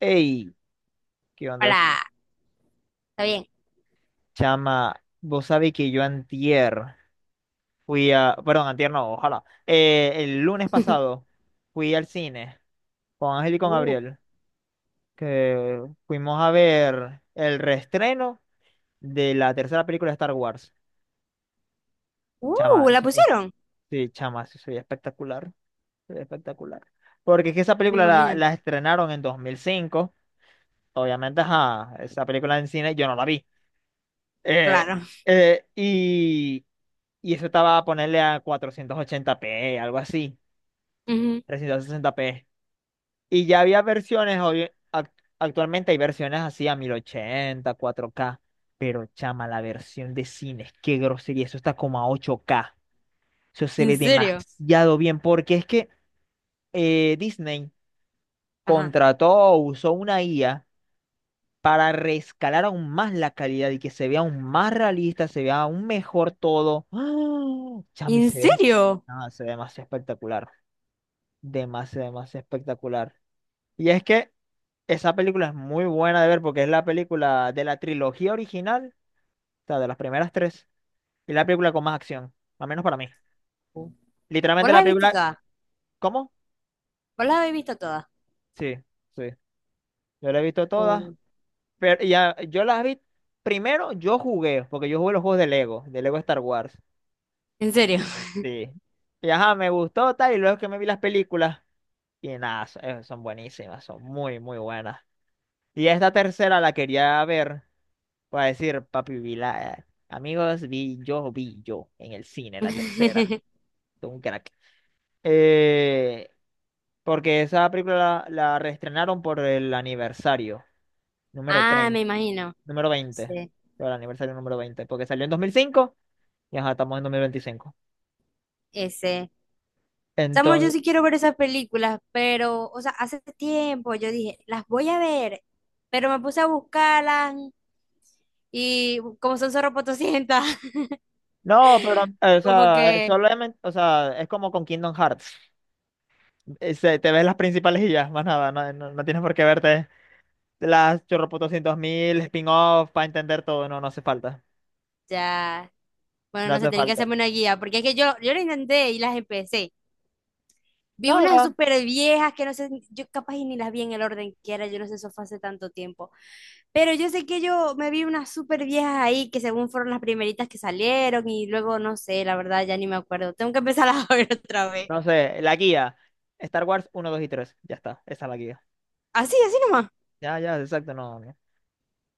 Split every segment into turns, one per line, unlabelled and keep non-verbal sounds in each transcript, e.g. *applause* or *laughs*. Ey, ¿qué onda,
Hola, está bien.
chama? Vos sabés que yo antier Perdón, antier no, ojalá. El lunes
*laughs*
pasado fui al cine con Ángel y con
Uh,
Gabriel, que fuimos a ver el reestreno de la tercera película de Star Wars. Chama,
¿la pusieron?
Sí, chama, eso sería espectacular. Sería espectacular. Porque es que esa
Me
película la,
imagino.
la estrenaron en 2005. Obviamente, ajá, esa película en cine yo no la vi. Eh,
Claro.
eh, y, y eso estaba a ponerle a 480p, algo así,
Ujú.
360p. Y ya había versiones, actualmente hay versiones así a 1080 4K, pero chama, la versión de cines, qué grosería, eso está como a 8K. Eso se
¿En
ve
serio?
demasiado bien, porque es que Disney
Ajá.
contrató o usó una IA para rescalar aún más la calidad y que se vea aún más realista, se vea aún mejor todo. ¡Ah! Chami,
¿En serio?
se ve demasiado espectacular, demasiado, demasiado espectacular. Y es que esa película es muy buena de ver porque es la película de la trilogía original, o sea, de las primeras tres, y la película con más acción, al menos para mí.
Uh. ¿Vos
Literalmente
las
la
has visto
película,
todas?
¿cómo?
¿Vos las habéis visto todas?
Sí, sí, yo la he visto todas,
Uh.
pero ya, yo las vi, primero yo jugué, porque yo jugué los juegos de Lego Star Wars.
¿En serio?
Sí. Y ajá, me gustó tal, y luego que me vi las películas, y nada, son buenísimas, son muy, muy buenas. Y esta tercera la quería ver, para decir, papi, amigos, vi yo, en el cine, la tercera.
*laughs*
Todo un crack. Eh, Porque esa película la reestrenaron por el aniversario, número
Ah, me
30
imagino.
número veinte
Sí,
por el aniversario número 20 porque salió en 2005 y ajá, estamos en 2025.
ese. Chamo, yo sí quiero ver esas películas, pero, o sea, hace tiempo yo dije, las voy a ver, pero me puse a buscarlas y como son zorro potosientas, *laughs*
No, pero, o
como
sea,
que
solamente, o sea, es como con Kingdom Hearts. Te ves las principales y ya, más nada, no, no tienes por qué verte las chorroputos mil spin-off para entender todo, no, no hace falta,
ya. Bueno,
no
no sé,
hace
tienen que
falta.
hacerme una guía, porque es que yo lo intenté y las empecé. Vi unas
Nada,
súper viejas que no sé, yo capaz y ni las vi en el orden que era, yo no sé, eso fue hace tanto tiempo. Pero yo sé que yo me vi unas súper viejas ahí que según fueron las primeritas que salieron y luego no sé, la verdad ya ni me acuerdo. Tengo que empezar a *laughs* ver otra vez.
no sé, la guía, Star Wars uno, 2 y 3, ya está, esa es la guía.
Así, así nomás.
Ya, ya, exacto, no, no,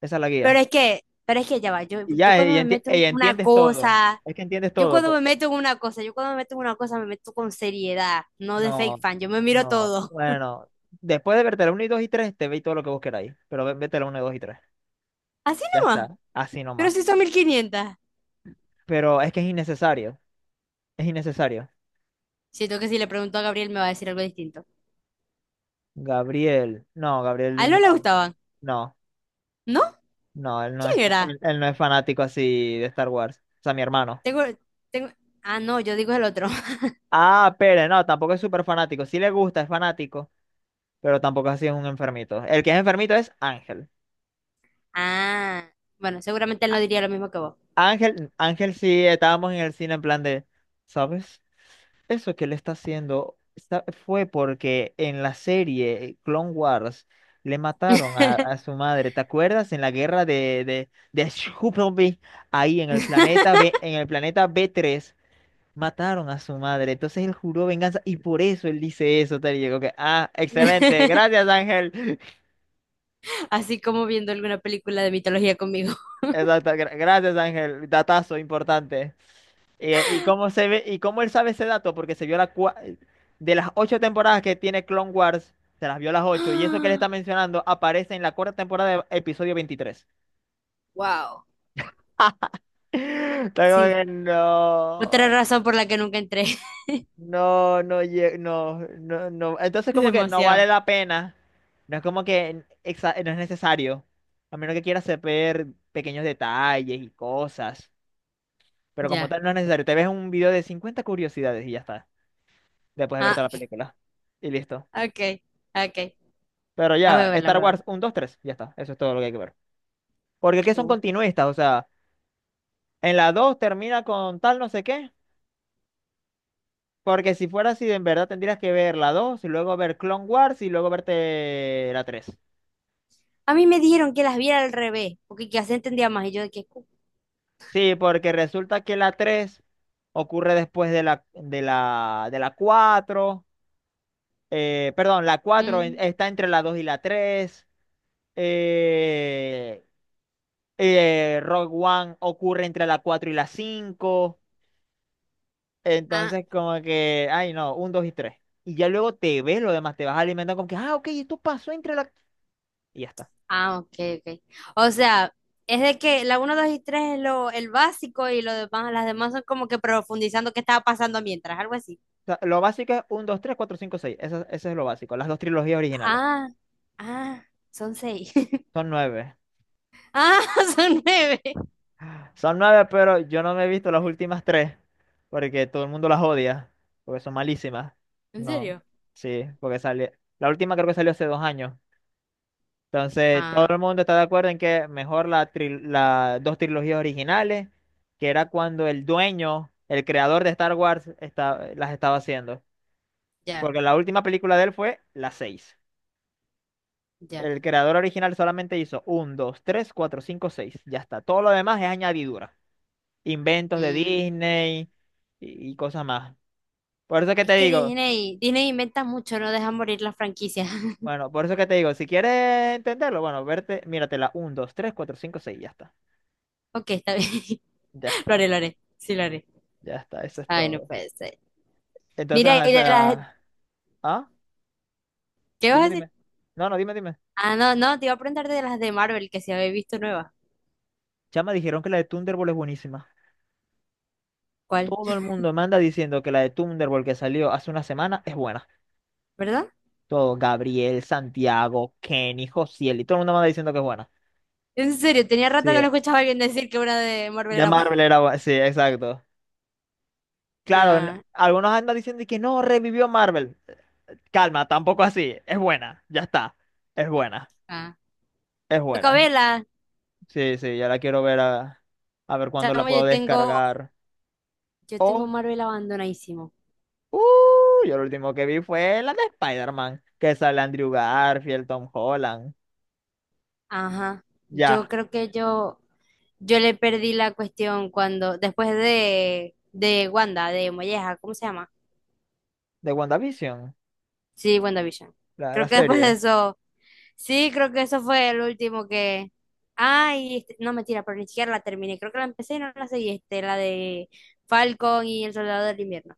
esa es la guía.
Pero es que ya va, yo,
Y
yo
ya,
cuando
y,
me
enti-
meto en
y
una
entiendes todo,
cosa,
es que entiendes
yo
todo.
cuando me meto en una cosa, yo cuando me meto en una cosa me meto con seriedad, no de fake
No,
fan, yo me miro
no,
todo.
bueno, después de verte la uno y 2 y 3 te veis todo lo que vos queráis, pero vete la uno, 2 y 3.
*laughs* Así
Ya está,
nomás.
así
Pero
nomás.
si son mil quinientas.
Pero es que es innecesario, es innecesario.
Siento que si le pregunto a Gabriel me va a decir algo distinto.
Gabriel, no,
A él no le gustaban.
No,
¿No? ¿Quién era?
él no es fanático así de Star Wars. O sea, mi hermano.
Tengo, tengo... Ah, no, yo digo el otro. *laughs*
Ah, Pérez, no, tampoco es súper fanático. Sí le gusta, es fanático, pero tampoco así es un enfermito. El que es enfermito es Ángel.
Ah, bueno, seguramente él no diría lo mismo que vos.
Ángel sí, estábamos en el cine en plan de, ¿sabes? Eso que le está haciendo fue porque en la serie Clone Wars le mataron a su madre. ¿Te acuerdas? En la guerra de Scoopleby, ahí en el planeta B, en el planeta b tres mataron a su madre. Entonces él juró venganza y por eso él dice eso, tal y llegó que, ah, excelente,
*laughs*
gracias Ángel. *laughs*
Así como viendo alguna película de mitología conmigo.
Exacto, gracias Ángel, datazo importante. ¿Y, cómo él sabe ese dato? Porque se vio de las 8 temporadas que tiene Clone Wars, se las vio las ocho, y eso que él está
*gasps*
mencionando aparece en la cuarta temporada de episodio 23.
Wow.
*laughs* Está
Sí.
como que
Otra
no,
razón por la que nunca entré.
no, no, no, no, no.
*laughs*
Entonces como que no vale
Demasiado.
la pena, no es como que no es necesario, a menos que quieras ver pequeños detalles y cosas, pero como
Ya.
tal no es necesario. Te ves un video de 50 curiosidades y ya está, después de
Ah,
verte la película. Y listo.
ok. Ok.
Pero
A ver,
ya,
a ver, a
Star
ver.
Wars 1, 2, 3, ya está, eso es todo lo que hay que ver. Porque es que son
Uh.
continuistas, o sea, en la dos termina con tal no sé qué, porque si fuera así, en verdad tendrías que ver la 2 y luego ver Clone Wars y luego verte la tres.
A mí me dijeron que las viera al revés, porque que así entendía más. Y yo de que.
Sí, porque resulta que la 3 ocurre después de la cuatro. Perdón, la cuatro
Mm.
está entre la 2 y la tres. eh, Rogue One ocurre entre la 4 y la cinco.
Ah.
Entonces, como que, ay, no, un, dos y tres. Y ya luego te ves lo demás, te vas alimentando como que, ah, ok, esto pasó Y ya está.
Ah, ok, ok. O sea, es de que la uno, 2 y 3 es lo, el básico y lo demás, las demás son como que profundizando qué estaba pasando mientras, algo así.
O sea, lo básico es un, dos, tres, cuatro, cinco, seis. Eso es lo básico. Las dos trilogías originales.
Ah, ah, son seis. *laughs*
Son nueve.
Ah, *laughs* son nueve.
*gasps* Son nueve, pero yo no me he visto las últimas tres. Porque todo el mundo las odia. Porque son malísimas.
¿En
No.
serio?
Sí, porque La última creo que salió hace 2 años. Entonces, todo
Ah,
el mundo está de acuerdo en que mejor las dos trilogías originales, que era cuando el dueño, el creador de Star Wars, las estaba haciendo.
ya,
Porque la última película de él fue la 6.
ya.
El creador original solamente hizo uno, 2, 3, 4, 5, seis. Ya está. Todo lo demás es añadidura. Inventos de
Mm,
Disney y cosas más. Por eso que
es
te
que
digo,
Disney inventa mucho, no deja morir las franquicias. *laughs*
bueno, por eso que te digo, si quieres entenderlo, bueno, míratela uno, 2, 3, 4, 5, seis. Ya está.
Ok, está bien.
Ya
*laughs* Lo haré,
está.
lo haré. Sí, lo haré.
Ya está. Eso es
Ay, no
todo.
puede ser.
Entonces,
Mira, y
ajá,
de las...
Ah,
¿Qué vas a
dime,
decir?
dime. No, no, dime, dime.
Ah, no, no, te iba a preguntar de las de Marvel que se había visto nueva.
Chama, dijeron que la de Thunderbolt es buenísima.
¿Cuál?
Todo el mundo manda diciendo que la de Thunderbolt que salió hace una semana es buena.
¿Verdad?
Todo, Gabriel, Santiago, Kenny, Josiel, y todo el mundo manda diciendo que es buena.
En serio, tenía rato
Sí,
que no escuchaba a alguien decir que una de Marvel
de
era buena.
Marvel era buena. Sí, exacto. Claro,
No.
algunos andan diciendo que no, revivió Marvel. Calma, tampoco así. Es buena, ya está. Es buena,
Ah.
es
Toca
buena.
verla.
Sí, sí, ya la quiero ver a ver cuándo la
Chamo,
puedo
yo tengo,
descargar.
yo tengo
O
Marvel abandonadísimo.
Uh, yo lo último que vi fue la de Spider-Man, que sale Andrew Garfield, Tom Holland,
Ajá.
ya,
Yo creo que yo le perdí la cuestión cuando, después de Wanda, de Molleja, ¿cómo se llama?
de WandaVision,
Sí, WandaVision.
la
Creo que después de
serie.
eso, sí, creo que eso fue el último que. Ay, este- no, mentira, pero ni siquiera la terminé. Creo que la empecé y no la seguí, este, la de Falcon y El Soldado del Invierno.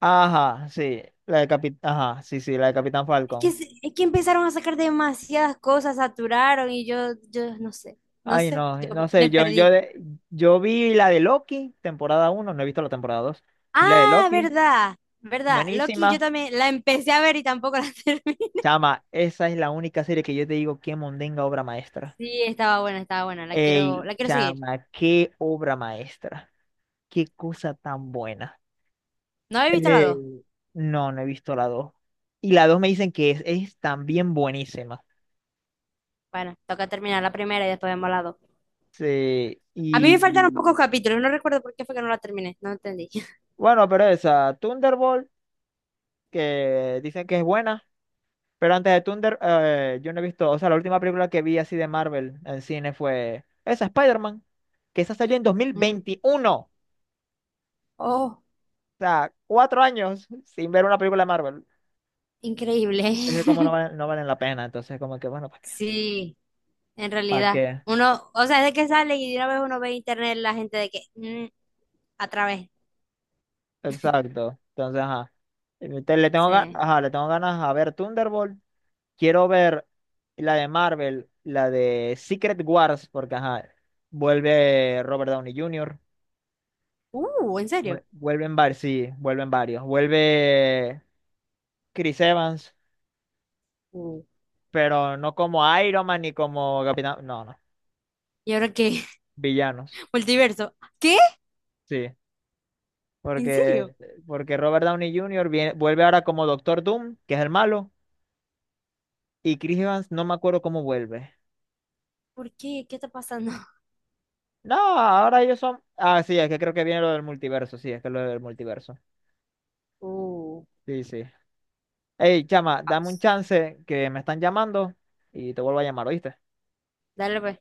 Ajá, sí, ajá, sí, sí, la de Capitán
que,
Falcon.
se- que empezaron a sacar demasiadas cosas, saturaron y yo no sé, no
Ay,
sé,
no,
yo
no sé,
me perdí.
yo vi la de Loki, temporada 1. No he visto la temporada 2. Vi la de
Ah,
Loki,
verdad, verdad. Loki, yo
buenísima.
también la empecé a ver y tampoco la *laughs* terminé.
Chama, esa es la única serie que yo te digo que mondenga obra maestra.
Sí, estaba buena, estaba buena.
Ey,
La quiero seguir.
chama, qué obra maestra, qué cosa tan buena.
No he visto la
Eh,
dos.
no, no he visto la dos. Y la 2 me dicen que es también buenísima.
Bueno, toca terminar la primera y después vemos la dos.
Sí,
A mí me
y
faltaron pocos capítulos, no recuerdo por qué fue que no la terminé, no entendí. *laughs*
bueno, pero esa, Thunderbolt, que dicen que es buena, pero yo no he visto, o sea, la última película que vi así de Marvel en cine fue esa, Spider-Man, que esa salió en dos mil
Mm.
veintiuno O
Oh,
sea, 4 años sin ver una película de Marvel.
increíble.
Es que como no,
*laughs*
no valen la pena, entonces como que bueno, ¿para qué?
Sí, en
¿Para
realidad.
qué?
Uno, o sea, es de que sale y de una vez uno ve en internet la gente de que, mm, a través.
Exacto. Entonces, ajá. Le tengo ganas,
Sí.
ajá, le tengo ganas a ver Thunderbolt. Quiero ver la de Marvel, la de Secret Wars, porque ajá, vuelve Robert Downey Jr.
¿En serio?
Vuelven varios, sí, vuelven varios. Vuelve Chris Evans,
Uh.
pero no como Iron Man ni como Capitán, no, no,
¿Y ahora qué? *laughs*
villanos,
Multiverso. ¿Qué?
sí.
¿En
Porque,
serio?
porque Robert Downey Jr. Vuelve ahora como Doctor Doom, que es el malo, y Chris Evans no me acuerdo cómo vuelve.
¿Por qué? ¿Qué está pasando? *laughs*
No, ahora ellos son. Ah, sí, es que creo que viene lo del multiverso. Sí, es que es lo del multiverso.
Uh.
Sí, sí. Ey, chama, dame un
Vamos.
chance que me están llamando y te vuelvo a llamar, ¿oíste?
Dale, pues.